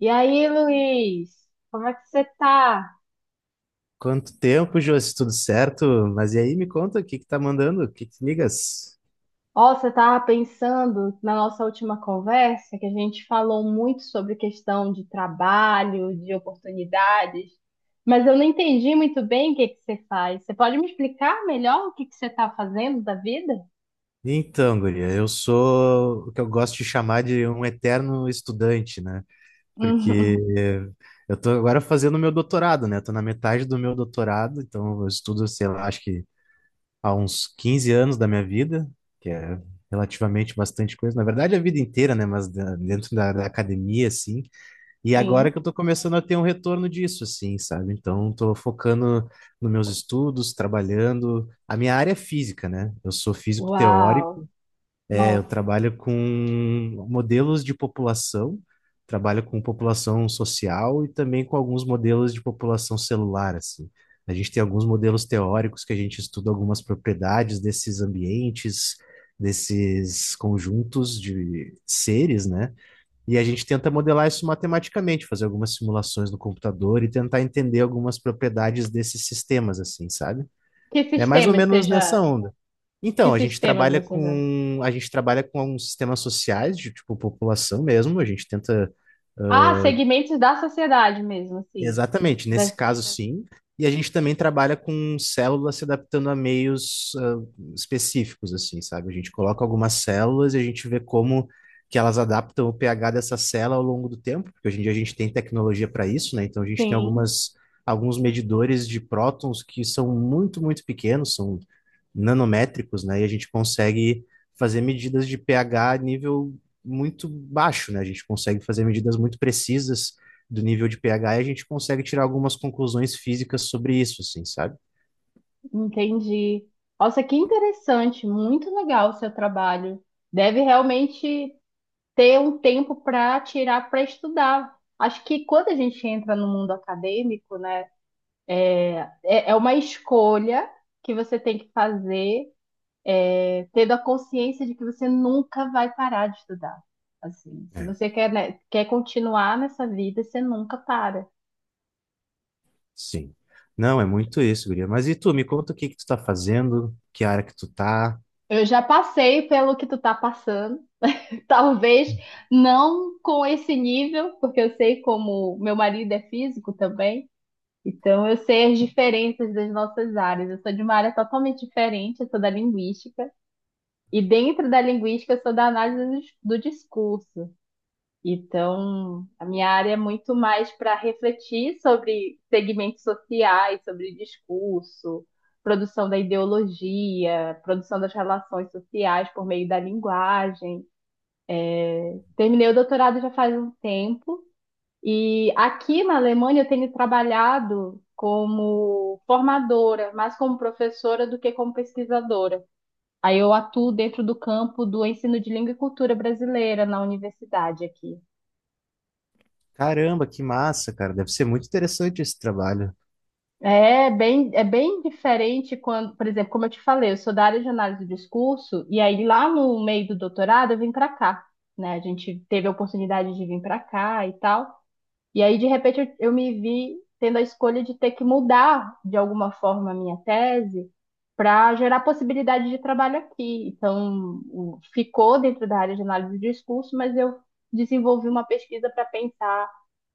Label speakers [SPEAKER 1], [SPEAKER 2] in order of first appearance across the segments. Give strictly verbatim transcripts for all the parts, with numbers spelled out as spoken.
[SPEAKER 1] E aí, Luiz, como é que você tá?
[SPEAKER 2] Quanto tempo, Josi? Tudo certo? Mas e aí, me conta, o que que tá mandando? O que que ligas?
[SPEAKER 1] Ó, você tava pensando na nossa última conversa que a gente falou muito sobre questão de trabalho, de oportunidades, mas eu não entendi muito bem o que que você faz. Você pode me explicar melhor o que que você tá fazendo da vida?
[SPEAKER 2] Então, guria, eu sou o que eu gosto de chamar de um eterno estudante, né? Porque
[SPEAKER 1] Uhum.
[SPEAKER 2] eu tô agora fazendo meu doutorado, né? Tô na metade do meu doutorado, então eu estudo, sei lá, acho que há uns quinze anos da minha vida, que é relativamente bastante coisa. Na verdade, a vida inteira, né? Mas da- dentro da, da academia, assim. E agora
[SPEAKER 1] Sim.
[SPEAKER 2] que eu tô começando a ter um retorno disso, assim, sabe? Então, tô focando nos meus estudos, trabalhando. A minha área é física, né? Eu sou físico teórico,
[SPEAKER 1] Uau!
[SPEAKER 2] é, eu
[SPEAKER 1] Nossa,
[SPEAKER 2] trabalho com modelos de população, trabalho com população social e também com alguns modelos de população celular, assim. A gente tem alguns modelos teóricos que a gente estuda algumas propriedades desses ambientes, desses conjuntos de seres, né? E a gente tenta modelar isso matematicamente, fazer algumas simulações no computador e tentar entender algumas propriedades desses sistemas, assim, sabe?
[SPEAKER 1] que
[SPEAKER 2] É mais ou
[SPEAKER 1] sistemas você
[SPEAKER 2] menos nessa
[SPEAKER 1] já...
[SPEAKER 2] onda.
[SPEAKER 1] Que
[SPEAKER 2] Então, a gente
[SPEAKER 1] sistemas
[SPEAKER 2] trabalha
[SPEAKER 1] você já...
[SPEAKER 2] com a gente trabalha com alguns sistemas sociais de tipo população mesmo. A gente tenta.
[SPEAKER 1] Ah, segmentos da sociedade mesmo, assim.
[SPEAKER 2] Exatamente, nesse
[SPEAKER 1] Das...
[SPEAKER 2] caso sim. E a gente também trabalha com células se adaptando a meios ah, específicos, assim, sabe? A gente coloca algumas células e a gente vê como que elas adaptam o pH dessa célula ao longo do tempo, porque hoje em dia a gente tem tecnologia para isso, né? Então a gente tem
[SPEAKER 1] Sim.
[SPEAKER 2] algumas, alguns medidores de prótons que são muito, muito pequenos, são nanométricos, né? E a gente consegue fazer medidas de pH a nível muito baixo, né? A gente consegue fazer medidas muito precisas do nível de pH e a gente consegue tirar algumas conclusões físicas sobre isso, assim, sabe?
[SPEAKER 1] Entendi. Nossa, que interessante, muito legal o seu trabalho. Deve realmente ter um tempo para tirar para estudar. Acho que quando a gente entra no mundo acadêmico, né, é é uma escolha que você tem que fazer, é, tendo a consciência de que você nunca vai parar de estudar. Assim, se
[SPEAKER 2] É,
[SPEAKER 1] você quer, né, quer continuar nessa vida, você nunca para.
[SPEAKER 2] sim. Não, é muito isso, guria. Mas e tu, me conta o que que tu tá fazendo, que área que tu tá.
[SPEAKER 1] Eu já passei pelo que tu tá passando. Talvez não com esse nível, porque eu sei como meu marido é físico também, então eu sei as diferenças das nossas áreas. Eu sou de uma área totalmente diferente, eu sou da linguística, e dentro da linguística eu sou da análise do dis- do discurso. Então, a minha área é muito mais para refletir sobre segmentos sociais, sobre discurso, produção da ideologia, produção das relações sociais por meio da linguagem. Terminei o doutorado já faz um tempo e aqui na Alemanha eu tenho trabalhado como formadora, mais como professora do que como pesquisadora. Aí eu atuo dentro do campo do ensino de língua e cultura brasileira na universidade aqui.
[SPEAKER 2] Caramba, que massa, cara. Deve ser muito interessante esse trabalho.
[SPEAKER 1] É bem, é bem diferente quando, por exemplo, como eu te falei, eu sou da área de análise do discurso, e aí lá no meio do doutorado eu vim para cá, né? A gente teve a oportunidade de vir para cá e tal. E aí, de repente, eu, eu me vi tendo a escolha de ter que mudar, de alguma forma, a minha tese para gerar possibilidade de trabalho aqui. Então, o- ficou dentro da área de análise de discurso, mas eu desenvolvi uma pesquisa para pensar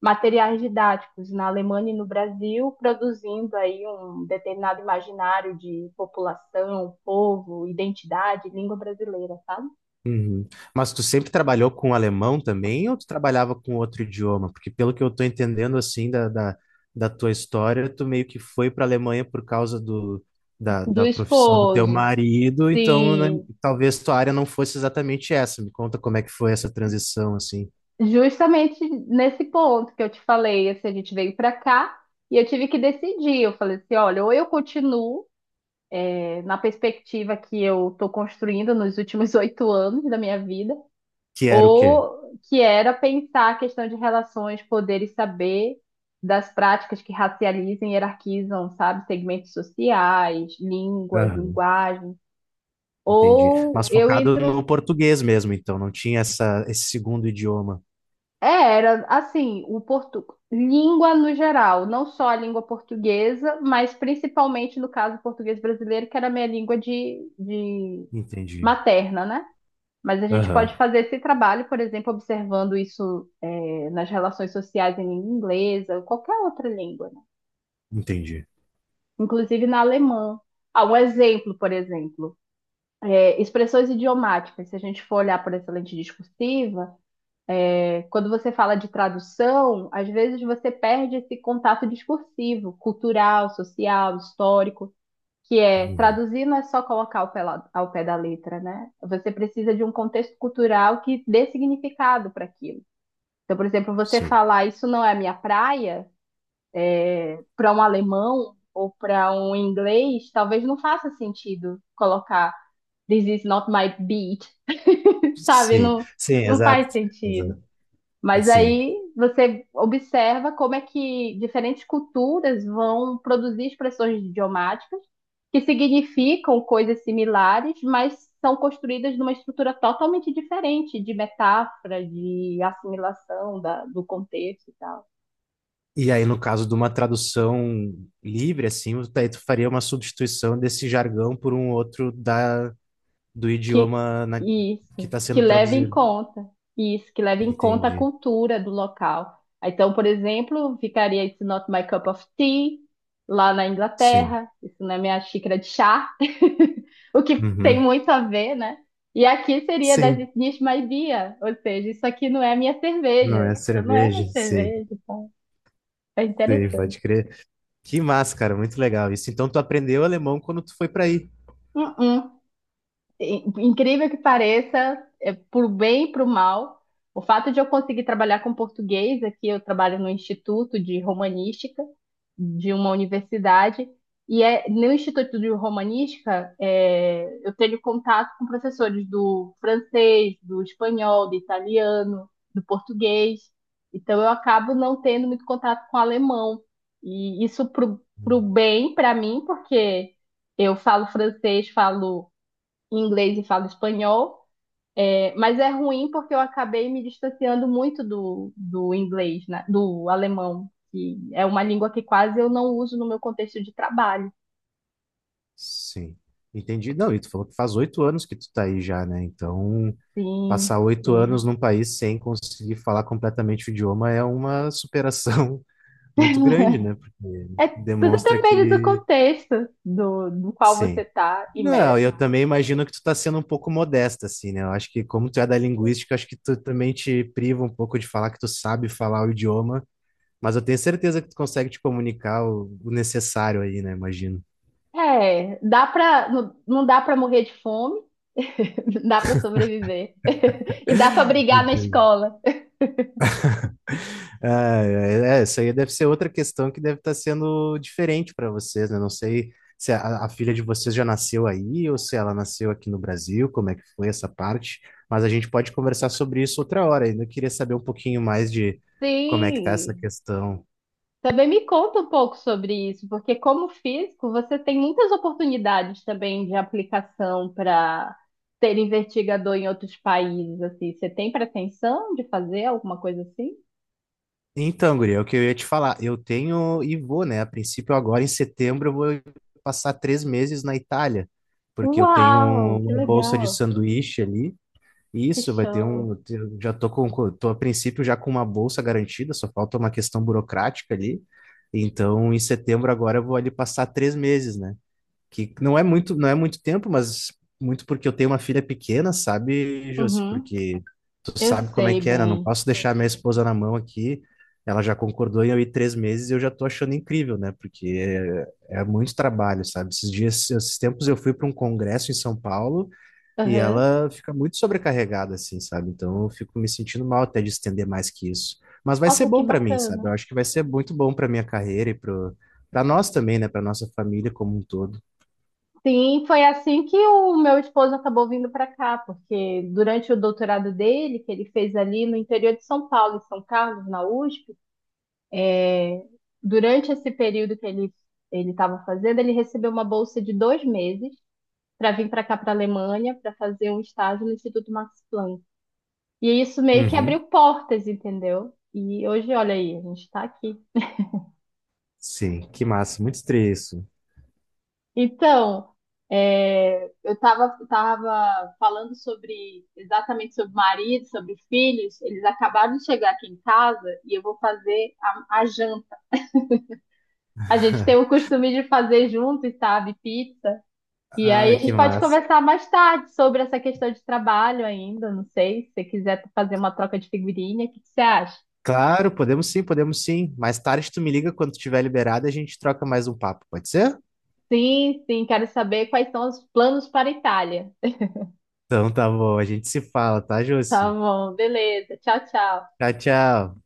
[SPEAKER 1] materiais didáticos na Alemanha e no Brasil, produzindo aí um determinado imaginário de população, povo, identidade, língua brasileira, sabe?
[SPEAKER 2] Uhum. Mas tu sempre trabalhou com alemão também ou tu trabalhava com outro idioma? Porque pelo que eu tô entendendo assim da, da, da tua história, tu meio que foi para a Alemanha por causa do, da,
[SPEAKER 1] Do
[SPEAKER 2] da profissão do teu
[SPEAKER 1] esposo,
[SPEAKER 2] marido, então né,
[SPEAKER 1] sim.
[SPEAKER 2] talvez tua área não fosse exatamente essa. Me conta como é que foi essa transição assim,
[SPEAKER 1] Justamente nesse ponto que eu te falei, assim, a gente veio para cá e eu tive que decidir. Eu falei assim, olha, ou eu continuo eh, na perspectiva que eu estou construindo nos últimos oito anos da minha vida,
[SPEAKER 2] que era o quê?
[SPEAKER 1] ou que era pensar a questão de relações, poder e saber das práticas que racializam e hierarquizam, sabe, segmentos sociais, línguas,
[SPEAKER 2] Aham,
[SPEAKER 1] linguagens.
[SPEAKER 2] entendi.
[SPEAKER 1] Ou
[SPEAKER 2] Mas
[SPEAKER 1] eu
[SPEAKER 2] focado
[SPEAKER 1] entro...
[SPEAKER 2] no português mesmo, então não tinha essa, esse segundo idioma.
[SPEAKER 1] É, era assim, o portu... língua no geral, não só a língua portuguesa, mas principalmente no caso o português brasileiro, que era a minha língua de, de
[SPEAKER 2] Entendi.
[SPEAKER 1] materna, né? Mas a gente
[SPEAKER 2] Aham,
[SPEAKER 1] pode fazer esse trabalho, por exemplo, observando isso é, nas relações sociais em língua inglesa, ou qualquer outra língua, né?
[SPEAKER 2] entendi.
[SPEAKER 1] Inclusive na alemã. Ah, um exemplo, por exemplo, é, expressões idiomáticas. Se a gente for olhar por essa lente discursiva, quando você fala de tradução, às vezes você perde esse contato discursivo, cultural, social, histórico, que é,
[SPEAKER 2] Uhum.
[SPEAKER 1] traduzir não é só colocar ao pé, ao pé da letra, né? Você precisa de um contexto cultural que dê significado para aquilo. Então, por exemplo, você
[SPEAKER 2] Sim.
[SPEAKER 1] falar "isso não é minha praia", para um alemão ou para um inglês, talvez não faça sentido colocar "this is not my beat", sabe?
[SPEAKER 2] Sim,
[SPEAKER 1] Não,
[SPEAKER 2] sim,
[SPEAKER 1] não faz
[SPEAKER 2] exato,
[SPEAKER 1] sentido.
[SPEAKER 2] exato,
[SPEAKER 1] Mas
[SPEAKER 2] sim.
[SPEAKER 1] aí você observa como é que diferentes culturas vão produzir expressões idiomáticas que significam coisas similares, mas são construídas numa estrutura totalmente diferente de metáfora, de assimilação da- do contexto e tal.
[SPEAKER 2] E aí, no caso de uma tradução livre, assim, tu- aí tu faria uma substituição desse jargão por um outro da, do
[SPEAKER 1] Que
[SPEAKER 2] idioma na- que
[SPEAKER 1] isso,
[SPEAKER 2] está
[SPEAKER 1] que
[SPEAKER 2] sendo
[SPEAKER 1] leve em
[SPEAKER 2] traduzido.
[SPEAKER 1] conta, Isso, que leve em conta a
[SPEAKER 2] Entendi.
[SPEAKER 1] cultura do local. Então, por exemplo, ficaria "It's not my cup of tea" lá na
[SPEAKER 2] Sim.
[SPEAKER 1] Inglaterra, isso não é minha xícara de chá, o que tem
[SPEAKER 2] Uhum.
[SPEAKER 1] muito a ver, né? E aqui seria das
[SPEAKER 2] Sim,
[SPEAKER 1] "It's not my beer", ou seja, isso aqui não é minha
[SPEAKER 2] não
[SPEAKER 1] cerveja,
[SPEAKER 2] é
[SPEAKER 1] isso não é minha
[SPEAKER 2] cerveja, sim,
[SPEAKER 1] cerveja, então é
[SPEAKER 2] sim,
[SPEAKER 1] interessante.
[SPEAKER 2] pode crer. Que massa, cara, muito legal isso. Então, tu aprendeu alemão quando tu foi para aí.
[SPEAKER 1] Uh-uh. Incrível que pareça, é, por bem e por mal, o fato de eu conseguir trabalhar com português aqui, eu trabalho no Instituto de Romanística de uma universidade, e é, no Instituto de Romanística, é, eu tenho contato com professores do francês, do espanhol, do italiano, do português, então eu acabo não tendo muito contato com alemão, e isso pro, pro bem para mim, porque eu falo francês, falo inglês e falo espanhol. É, mas é ruim porque eu acabei me distanciando muito do, do inglês, né? Do alemão, que é uma língua que quase eu não uso no meu contexto de trabalho.
[SPEAKER 2] Sim, entendi. Não, e tu falou que faz oito anos que tu tá aí já, né? Então, passar
[SPEAKER 1] Sim,
[SPEAKER 2] oito
[SPEAKER 1] sim.
[SPEAKER 2] anos num país sem conseguir falar completamente o idioma é uma superação muito grande, né? Porque
[SPEAKER 1] É, tudo
[SPEAKER 2] demonstra
[SPEAKER 1] depende do
[SPEAKER 2] que
[SPEAKER 1] contexto do, do qual você
[SPEAKER 2] sim.
[SPEAKER 1] tá
[SPEAKER 2] Não,
[SPEAKER 1] imerso.
[SPEAKER 2] eu também imagino que tu tá sendo um pouco modesta, assim, né? Eu acho que como tu é da linguística, eu acho que tu também te priva um pouco de falar que tu sabe falar o idioma, mas eu tenho certeza que tu consegue te comunicar o o necessário aí, né? Imagino.
[SPEAKER 1] É, dá pra, não, não dá pra morrer de fome, dá pra sobreviver. E dá pra brigar na escola.
[SPEAKER 2] Ah, é, é, isso aí deve ser outra questão que deve estar sendo diferente para vocês, né? Não sei se a, a filha de vocês já nasceu aí ou se ela nasceu aqui no Brasil, como é que foi essa parte, mas a gente pode conversar sobre isso outra hora. Ainda queria saber um pouquinho mais de como é que tá essa
[SPEAKER 1] Sim,
[SPEAKER 2] questão.
[SPEAKER 1] também me conta um pouco sobre isso, porque como físico, você tem muitas oportunidades também de aplicação para ser investigador em outros países, assim. Você tem pretensão de fazer alguma coisa assim?
[SPEAKER 2] Então, guria, é o que eu ia te falar, eu tenho e vou, né? A princípio, agora em setembro, eu vou passar três meses na Itália, porque eu tenho
[SPEAKER 1] Uau, que
[SPEAKER 2] uma bolsa de
[SPEAKER 1] legal,
[SPEAKER 2] sanduíche ali.
[SPEAKER 1] que
[SPEAKER 2] Isso, vai ter
[SPEAKER 1] show.
[SPEAKER 2] um. Eu já tô com, com- tô a princípio já com uma bolsa garantida, só falta uma questão burocrática ali. Então, em setembro agora eu vou ali passar três meses, né? Que não é muito, não é muito tempo, mas muito porque eu tenho uma filha pequena, sabe, Josi?
[SPEAKER 1] Uhum,
[SPEAKER 2] Porque tu
[SPEAKER 1] eu
[SPEAKER 2] sabe como é
[SPEAKER 1] sei
[SPEAKER 2] que é, né? Eu não
[SPEAKER 1] bem.
[SPEAKER 2] posso deixar minha esposa na mão aqui. Ela já concordou em eu ir três meses e eu já tô achando incrível, né? Porque é, é muito trabalho, sabe? Esses dias, esses tempos eu fui para um congresso em São Paulo. E
[SPEAKER 1] Uhum.
[SPEAKER 2] ela fica muito sobrecarregada, assim, sabe? Então eu fico me sentindo mal até de estender mais que isso. Mas vai ser
[SPEAKER 1] Nossa, que
[SPEAKER 2] bom pra mim, sabe? Eu
[SPEAKER 1] bacana.
[SPEAKER 2] acho que vai ser muito bom pra minha carreira e pro... para nós também, né? Pra nossa família como um todo.
[SPEAKER 1] Sim, foi assim que o meu esposo acabou vindo para cá, porque durante o doutorado dele, que ele fez ali no interior de São Paulo, em São Carlos, na USP. É, durante esse período que ele ele estava fazendo, ele recebeu uma bolsa de dois meses para vir para cá, para a Alemanha, para fazer um estágio no Instituto Max Planck. E isso meio que
[SPEAKER 2] Uhum.
[SPEAKER 1] abriu portas, entendeu? E hoje, olha aí, a gente está aqui.
[SPEAKER 2] Sim, que massa, muito estranho isso.
[SPEAKER 1] Então, é, eu estava tava tava falando sobre exatamente sobre o marido, sobre filhos. Eles acabaram de chegar aqui em casa e eu vou fazer a, a janta. A gente tem o costume de fazer juntos, sabe? Pizza. E aí
[SPEAKER 2] Ah,
[SPEAKER 1] a
[SPEAKER 2] que
[SPEAKER 1] gente pode
[SPEAKER 2] massa.
[SPEAKER 1] conversar mais tarde sobre essa questão de trabalho ainda, não sei, se você quiser fazer uma troca de figurinha, o que que você acha?
[SPEAKER 2] Claro, podemos sim, podemos sim. Mais tarde tu me liga quando tiver liberado e a gente troca mais um papo, pode ser?
[SPEAKER 1] Sim, sim, quero saber quais são os planos para a Itália.
[SPEAKER 2] Então tá bom, a gente se fala, tá,
[SPEAKER 1] Tá
[SPEAKER 2] Josi?
[SPEAKER 1] bom, beleza. Tchau, tchau.
[SPEAKER 2] Tchau, tchau.